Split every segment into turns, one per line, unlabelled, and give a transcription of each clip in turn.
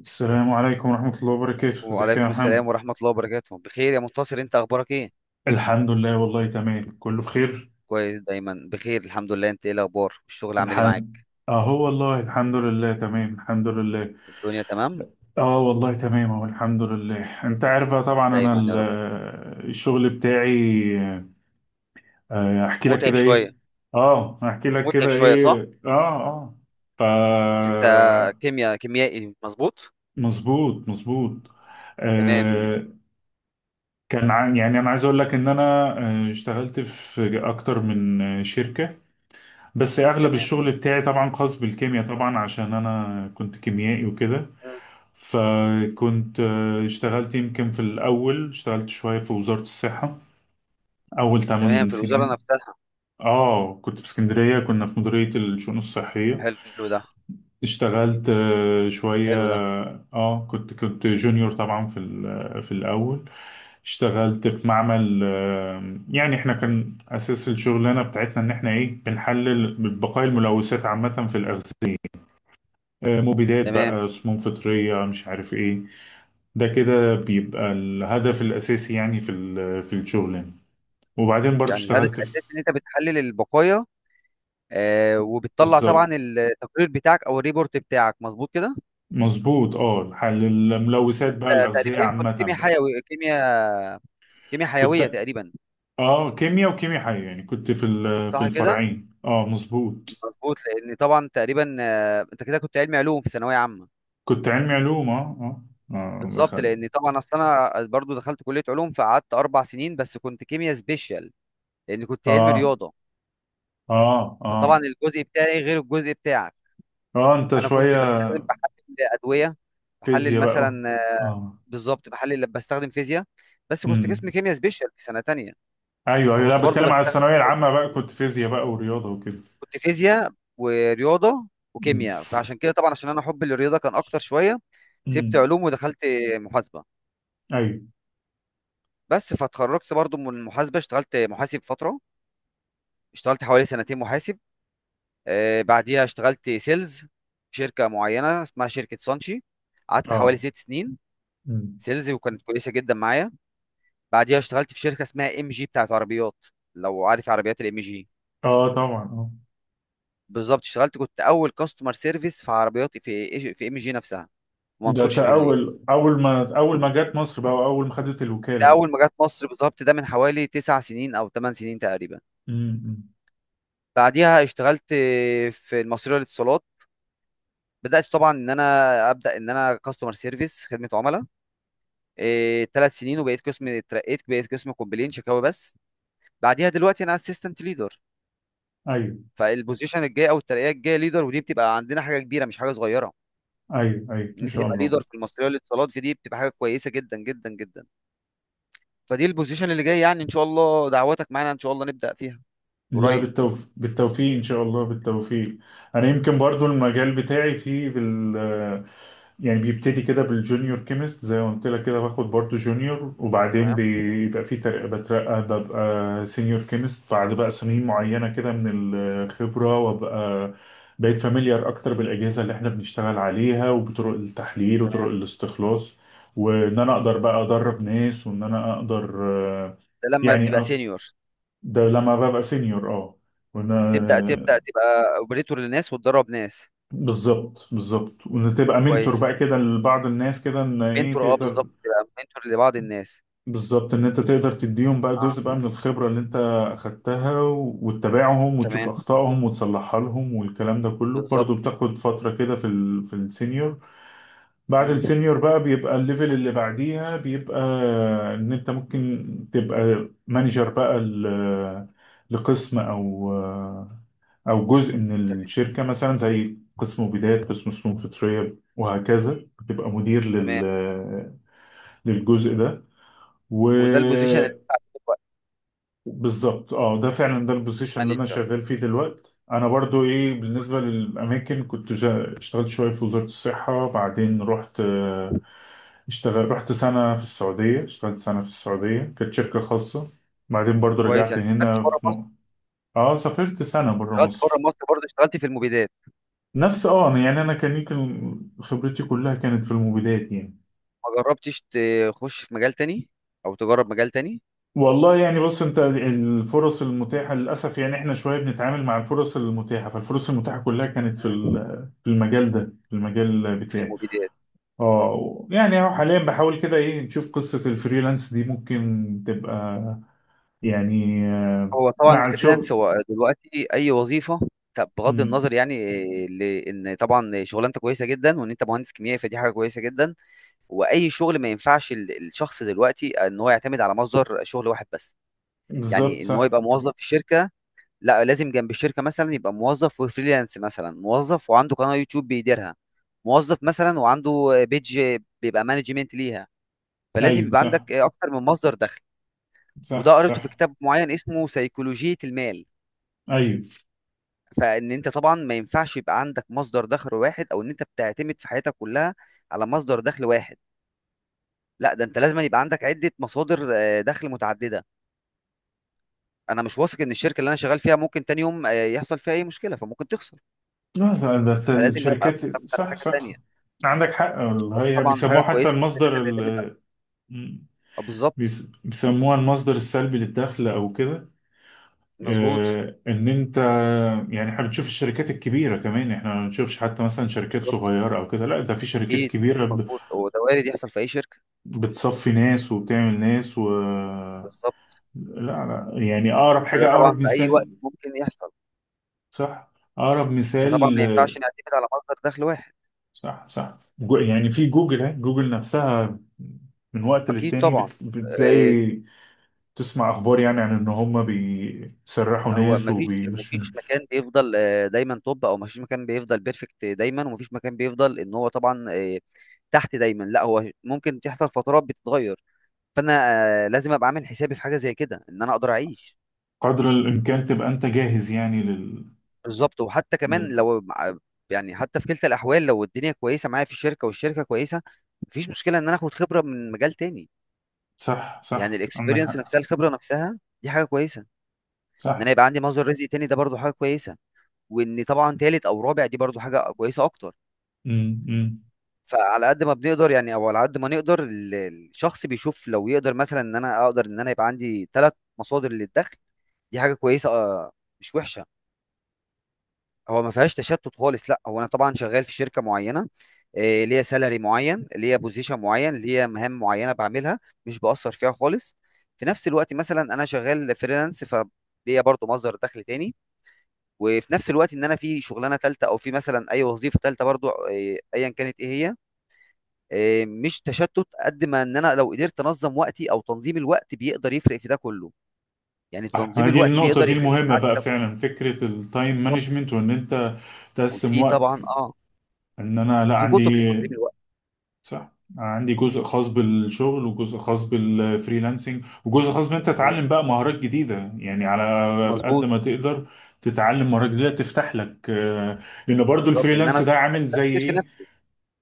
السلام عليكم ورحمة الله وبركاته، ازيك يا
وعليكم السلام
محمد؟
ورحمة الله وبركاته. بخير يا منتصر، انت اخبارك ايه؟
الحمد لله والله تمام، كله بخير.
كويس، دايما بخير الحمد لله. انت ايه الاخبار؟ الشغل عامل ايه معاك؟
الحمد اهو والله الحمد لله تمام، الحمد لله.
الدنيا تمام.
اه والله تمام اهو الحمد لله. انت عارف بقى، طبعا انا
دايما يا رب.
الشغل بتاعي، احكي لك
متعب
كده ايه.
شوية.
اه احكي لك
متعب
كده
شوية صح.
ايه، اه ف
انت كيمياء كيميائي مظبوط.
مظبوط مظبوط.
تمام
آه، يعني انا عايز اقول لك ان انا اشتغلت في اكتر من شركة، بس اغلب
تمام.
الشغل بتاعي طبعا خاص بالكيمياء، طبعا عشان انا كنت كيميائي وكده.
مم.
فكنت آه، اشتغلت يمكن في الاول، اشتغلت شوية في وزارة الصحة اول
تمام،
8
في الوزارة
سنين.
نفسها؟
اه كنت في اسكندرية، كنا في مديرية الشؤون الصحية.
حلو ده.
اشتغلت شوية.
حلو ده.
اه كنت جونيور طبعا في في الاول. اشتغلت في معمل يعني احنا كان اساس الشغلانة بتاعتنا ان احنا ايه بنحلل بقايا الملوثات عامة في الاغذية، مبيدات
تمام،
بقى، سموم فطرية، مش عارف ايه. ده كده بيبقى الهدف الأساسي يعني في في الشغل يعني. وبعدين برضو
يعني الهدف
اشتغلت في،
الاساسي ان انت بتحلل البقايا. آه، وبتطلع طبعا
بالظبط.
التقرير بتاعك او الريبورت بتاعك مظبوط كده.
مظبوط، اه حل الملوثات بقى، الأغذية
تقريبا كنت
عامة
كيمياء
بقى.
حيوي كيمياء حيوية
كنت،
تقريبا.
اه كيمياء وكيمياء حية، يعني كنت في في
صح كده.
الفرعين، مظبوط.
مظبوط، لان طبعا تقريبا انت كده كنت علمي علوم في ثانويه عامه.
كنت علمي علوم، اه
بالظبط،
دخل،
لان طبعا اصل انا برضو دخلت كليه علوم فقعدت اربع سنين، بس كنت كيمياء سبيشال. لان كنت علمي
اه
رياضه.
اه اه
فطبعا الجزء بتاعي غير الجزء بتاعك.
اه انت
انا كنت
شوية
بستخدم بحلل ادويه. بحلل
فيزياء بقى.
مثلا بالظبط بحلل بستخدم فيزياء. بس كنت
اه
قسم كيمياء سبيشال في سنه تانية.
ايوه ايوه، لا
فكنت برضو
بتكلم على
بستخدم،
الثانويه العامه بقى، كنت فيزياء بقى ورياضه وكده.
كنت فيزياء ورياضه
امم
وكيمياء. فعشان كده طبعا عشان انا حبي للرياضه كان اكتر شويه. سبت
امم
علوم ودخلت محاسبه.
ايوه،
بس فاتخرجت برضو من المحاسبه اشتغلت محاسب فتره. اشتغلت حوالي سنتين محاسب. بعديها اشتغلت سيلز في شركه معينه اسمها شركه سانشي. قعدت حوالي
اه
ست سنين
امم
سيلز، وكانت كويسه جدا معايا. بعديها اشتغلت في شركه اسمها ام جي بتاعت عربيات، لو عارف عربيات الام جي.
اه طبعا،
بالظبط، اشتغلت كنت اول كاستمر سيرفيس في عربيات في ام جي نفسها،
ده
منصور شيفروليه.
اول، اول ما جت مصر بقى، واول ما خدت
ده
الوكاله بقى.
اول ما جت مصر بالظبط، ده من حوالي تسع سنين او ثمان سنين تقريبا.
أمم.
بعديها اشتغلت في المصرية للاتصالات. بدات طبعا ان انا ابدا ان انا كاستمر سيرفيس خدمه عملاء، ثلاث سنين، وبقيت قسم، اترقيت بقيت قسم كومبلين شكاوي بس. بعديها دلوقتي انا اسيستنت ليدر.
ايوه
فالبوزيشن الجاي او الترقيه الجايه ليدر، ودي بتبقى عندنا حاجه كبيره مش حاجه صغيره.
ايوه ايوه،
ان
ان
انت
شاء
تبقى
الله.
ليدر في المصريه للاتصالات، في دي بتبقى حاجه كويسه جدا جدا جدا. فدي البوزيشن اللي جاي، يعني ان شاء الله دعواتك معانا ان شاء الله نبدا فيها
لا
قريب.
بالتوفيق ان شاء الله، بالتوفيق. انا يمكن برضو المجال بتاعي فيه يعني، بيبتدي كده بالجونيور كيمست، زي ما قلت لك كده، باخد برضو جونيور، وبعدين
تمام.
بيبقى فيه ترقى، بترقى ببقى سينيور كيمست بعد بقى سنين معينة كده من الخبرة، وابقى بقيت فاميليار اكتر بالاجهزة اللي احنا بنشتغل عليها، وبطرق التحليل وطرق
تمام،
الاستخلاص، وان انا اقدر بقى ادرب ناس، وان انا اقدر
ده لما بتبقى
يعني،
سينيور
ده لما ببقى سينيور،
بتبدا
وانا،
تبقى اوبريتور للناس وتدرب ناس.
بالظبط بالظبط. وان تبقى منتور
كويس.
بقى كده لبعض الناس كده، ان ايه،
منتور، اه
تقدر
بالظبط، تبقى منتور لبعض الناس.
بالظبط ان انت تقدر تديهم بقى جزء بقى من الخبرة اللي انت اخدتها، و- وتتابعهم، وتشوف
تمام.
اخطائهم وتصلحها لهم، والكلام ده كله برضو
بالظبط.
بتاخد فترة كده في في السينيور. بعد
امم.
السينيور بقى بيبقى الليفل اللي بعديها، بيبقى ان انت ممكن تبقى مانجر بقى لقسم، او او جزء من
تمام.
الشركه، مثلا زي قسم بدايات، قسم فنون فطريه، وهكذا. بتبقى مدير
تمام،
للجزء ده،
وده البوزيشن اللي
وبالظبط.
انت عارفه دلوقتي؟
اه ده فعلا، ده البوزيشن اللي انا
مانجر.
شغال فيه دلوقتي. انا برضو ايه، بالنسبه
كويس.
للاماكن، كنت اشتغلت شويه في وزاره الصحه، بعدين رحت، آه، اشتغل رحت سنه في السعوديه، اشتغلت سنه في السعوديه، كانت شركه خاصه. بعدين برضو
كويس،
رجعت
يعني سافرت
هنا
بره
في
مصر؟
اه سافرت سنه بره
اشتغلت بره
مصر.
مصر، برضه اشتغلت في المبيدات؟
نفس، يعني انا كان يمكن خبرتي كلها كانت في الموبيلات يعني.
ما جربتش تخش في مجال تاني، او تجرب مجال تاني؟
والله يعني بص، انت الفرص المتاحه للاسف، يعني احنا شويه بنتعامل مع الفرص المتاحه، فالفرص المتاحه كلها كانت في
مم.
في المجال ده، في المجال
في
بتاعي.
المبيدات.
يعني اهو، حاليا بحاول كده ايه نشوف قصه الفريلانس دي ممكن تبقى، يعني
هو طبعا
مع
الفريلانس
الشغل.
هو دلوقتي اي وظيفه. طب بغض
مم،
النظر، يعني لان طبعا شغلانتك كويسه جدا، وان انت مهندس كيميائي فدي حاجه كويسه جدا. واي شغل ما ينفعش الشخص دلوقتي ان هو يعتمد على مصدر شغل واحد بس.
بالظبط
يعني ان هو
صح.
يبقى موظف في الشركه، لا لازم جنب الشركه مثلا يبقى موظف وفريلانس، مثلا موظف وعنده قناه يوتيوب بيديرها، موظف مثلا وعنده بيج بيبقى مانجمنت ليها. فلازم
ايوه
يبقى
صح
عندك اكتر من مصدر دخل. وده
صح
قريته في
صح،
كتاب معين اسمه سيكولوجية المال.
ايوه.
فان انت طبعا ما ينفعش يبقى عندك مصدر دخل واحد، او ان انت بتعتمد في حياتك كلها على مصدر دخل واحد. لا، ده انت لازم يبقى عندك عدة مصادر دخل متعددة. انا مش واثق ان الشركة اللي انا شغال فيها ممكن تاني يوم يحصل فيها اي مشكلة، فممكن تخسر.
لا، ده
فلازم ابقى
الشركات.
معتمد على
صح
حاجة
صح،
تانية.
عندك حق.
فدي
هي
طبعا
بيسموه
حاجه
حتى
كويسه جدا ان انت
المصدر
تعتمد على، آه، بالظبط.
بيسموها المصدر السلبي للدخل او كده.
مظبوط.
ان انت، يعني احنا بنشوف الشركات الكبيره كمان، احنا ما بنشوفش حتى مثلا شركات
بالظبط.
صغيره او كده، لا ده في شركات
اكيد اكيد،
كبيره
مظبوط، هو ده وارد يحصل في اي شركه.
بتصفي ناس وبتعمل ناس و،
بالظبط.
لا لا، يعني اقرب
فده
حاجه،
طبعا
اقرب
في اي وقت
مثال.
ممكن يحصل.
صح، اقرب
فطبعا
مثال.
ما ينفعش نعتمد على مصدر دخل واحد.
صح صح، يعني في جوجل نفسها، من وقت
اكيد
للتاني
طبعا.
بتلاقي
آه،
تسمع اخبار، يعني عن ان هم بيسرحوا
هو
ناس
ما فيش ما
وبيمشوا.
فيش مكان بيفضل دايما توب، او ما فيش مكان بيفضل بيرفكت دايما، وما فيش مكان بيفضل ان هو طبعا تحت دايما. لا هو ممكن تحصل فترات بتتغير. فانا لازم ابقى عامل حسابي في حاجه زي كده ان انا اقدر اعيش.
قدر الامكان تبقى انت جاهز، يعني
بالظبط. وحتى كمان
لل...
لو يعني حتى في كلتا الاحوال، لو الدنيا كويسه معايا في الشركه والشركه كويسه، مفيش مشكله ان انا اخد خبره من مجال تاني.
صح
يعني
صح، عندك
الاكسبيرينس
حق
نفسها، الخبره نفسها دي حاجه كويسه. ان انا
صح.
يبقى عندي مصدر رزق تاني ده برضو حاجه كويسه. وان طبعا تالت او رابع، دي برضو حاجه كويسه اكتر.
امم
فعلى قد ما بنقدر، يعني او على قد ما نقدر الشخص بيشوف لو يقدر، مثلا ان انا اقدر ان انا يبقى عندي ثلاث مصادر للدخل، دي حاجه كويسه، مش وحشه. هو ما فيهاش تشتت خالص. لا هو انا طبعا شغال في شركه معينه، ليا سالري معين، ليا بوزيشن معين، ليا مهام معينه بعملها، مش باثر فيها خالص. في نفس الوقت مثلا انا شغال فريلانس، فليا برضو مصدر دخل تاني. وفي نفس الوقت ان انا في شغلانه تالته، او في مثلا اي وظيفه تالته، برضو ايا كانت ايه هي. مش تشتت قد ما ان انا لو قدرت انظم وقتي، او تنظيم الوقت بيقدر يفرق في ده كله. يعني
صح. ما
تنظيم
هي دي
الوقت
النقطة،
بيقدر
دي
يخليني
المهمة
قاعد
بقى
ده.
فعلا، فكرة التايم
بالظبط.
مانجمنت، وان انت تقسم
وفي
وقت،
طبعا
ان انا، لا
في
عندي،
كتب لتنظيم الوقت.
صح. عندي جزء خاص بالشغل، وجزء خاص بالفريلانسنج، وجزء خاص بان انت
مظبوط.
تتعلم بقى مهارات جديده، يعني على قد
مظبوط.
ما تقدر تتعلم مهارات جديده تفتح لك لان برضو
بالظبط، ان انا
الفريلانس ده عامل زي
استثمر في
ايه،
نفسي.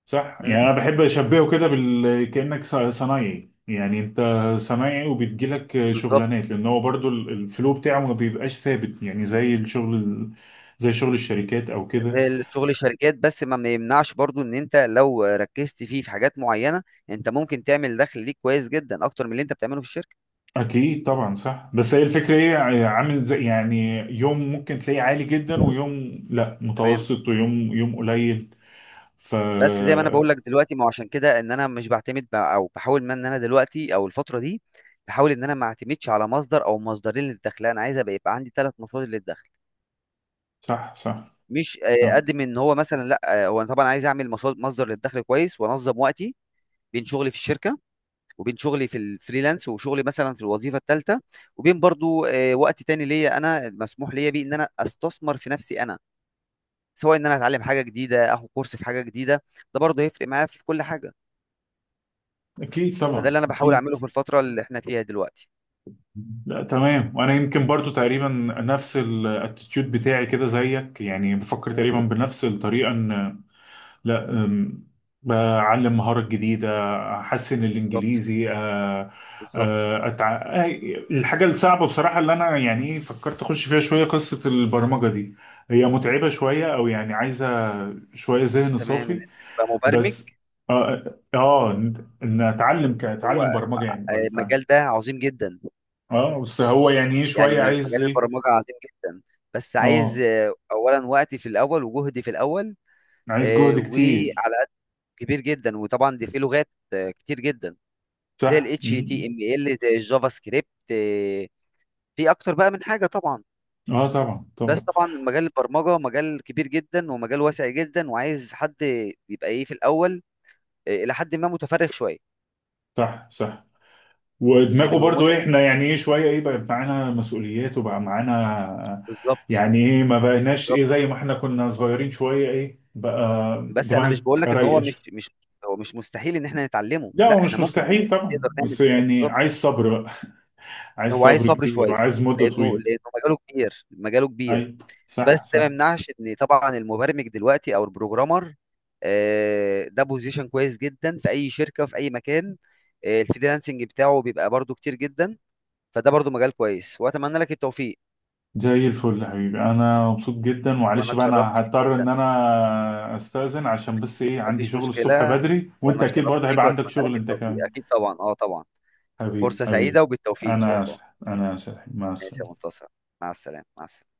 صح. يعني
امم.
انا بحب اشبهه كده كانك صنايعي، يعني انت صنايعي وبتجيلك
بالظبط.
شغلانات، لان هو برضو الفلو بتاعه ما بيبقاش ثابت، يعني زي الشغل زي شغل الشركات او كده.
الشغل الشركات، بس ما يمنعش برضو ان انت لو ركزت فيه في حاجات معينه، انت ممكن تعمل دخل ليك كويس جدا اكتر من اللي انت بتعمله في الشركه.
اكيد طبعا صح، بس هي الفكره ايه، يعني عامل زي، يعني يوم ممكن تلاقيه عالي جدا، ويوم لا
تمام.
متوسط، ويوم قليل، ف
بس زي ما انا بقول لك دلوقتي، ما هو عشان كده ان انا مش بعتمد او بحاول، ما ان انا دلوقتي او الفتره دي بحاول ان انا ما اعتمدش على مصدر او مصدرين للدخل. لا، انا عايز ابقى يبقى عندي ثلاث مصادر للدخل.
صح صح
مش
صح،
قد من ان هو مثلا، لا هو انا طبعا عايز اعمل مصدر للدخل كويس وانظم وقتي بين شغلي في الشركه، وبين شغلي في الفريلانس، وشغلي مثلا في الوظيفه الثالثه. وبين برضو وقت تاني ليا انا مسموح ليا بيه ان انا استثمر في نفسي انا، سواء ان انا اتعلم حاجه جديده، اخد كورس في حاجه جديده. ده برضو هيفرق معايا في كل حاجه.
اكيد
فده
طبعا
اللي انا بحاول
اكيد.
اعمله في الفتره اللي احنا فيها دلوقتي.
لا تمام. وانا يمكن برضو تقريبا نفس الاتيتيود بتاعي كده زيك، يعني بفكر تقريبا
مم.
بنفس الطريقه، ان، لا أتعلم مهارات جديدة، أحسن
بالظبط.
الإنجليزي، أه،
بالظبط.
أه، أتع... أه، الحاجة الصعبة بصراحة اللي أنا يعني إيه فكرت أخش فيها شوية، قصة البرمجة دي، هي متعبة شوية، أو يعني عايزة شوية ذهن
تمام، ان
صافي،
انت تبقى مبرمج.
بس، آه إن، أتعلم،
هو
برمجة يعني، ولا أتعلم،
المجال ده عظيم جدا.
بس هو يعني إيه
يعني
شوية، عايز
مجال
إيه،
البرمجه عظيم جدا. بس
آه
عايز اولا وقتي في الاول وجهدي في الاول،
عايز جهد كتير،
وعلى، كبير جدا. وطبعا دي في لغات كتير جدا، زي ال
صح. مم.
HTML زي الجافا سكريبت، في اكتر بقى من حاجة طبعا.
طبعا
بس
طبعا.
طبعا مجال البرمجة مجال كبير جدا ومجال واسع جدا، وعايز حد يبقى ايه في الاول الى حد ما متفرغ شوية،
صح صح.
لان
ودماغه
بيبقى
برضو إيه،
متعب.
احنا يعني ايه شويه، ايه بقى معانا مسؤوليات، وبقى معانا،
بالظبط.
يعني ايه، ما بقيناش
بالظبط.
ايه زي ما احنا كنا صغيرين، شويه ايه بقى
بس انا مش بقول
دماغك
لك ان هو
رايقه
مش
شويه.
مش هو مش مستحيل ان احنا نتعلمه.
لا هو
لا، احنا
مش
ممكن
مستحيل طبعا،
نقدر نعمل
بس
كده
يعني
بالظبط.
عايز صبر بقى، عايز
هو عايز
صبر
صبر
كتير،
شوية،
وعايز مده
لانه
طويله.
لانه مجاله كبير، مجاله كبير.
اي، صح
بس ده ما
صح.
يمنعش إن طبعًا المبرمج دلوقتي أو الprogrammer، ده position كويس جدًا في أي شركة وفي أي مكان. الfreelancing بتاعه بيبقى برضه كتير جدًا. فده برضه مجال كويس، وأتمنى لك التوفيق.
زي الفل يا حبيبي، انا مبسوط جدا.
وأنا
معلش بقى،
اتشرفت
انا
بيك
هضطر
جدًا.
ان انا استاذن، عشان بس ايه
ما
عندي
فيش
شغل الصبح
مشكلة.
بدري، وانت
وأنا
اكيد
اتشرفت
برضه
بيك
هيبقى عندك
وأتمنى
شغل
لك
انت
التوفيق.
كمان.
أكيد طبعًا، آه طبعًا.
حبيبي
فرصة سعيدة
حبيبي،
وبالتوفيق إن شاء
أنا
الله.
آسف أنا آسف، مع
ماشي يا
السلامة.
منتصر، مع السلامة، مع السلامة.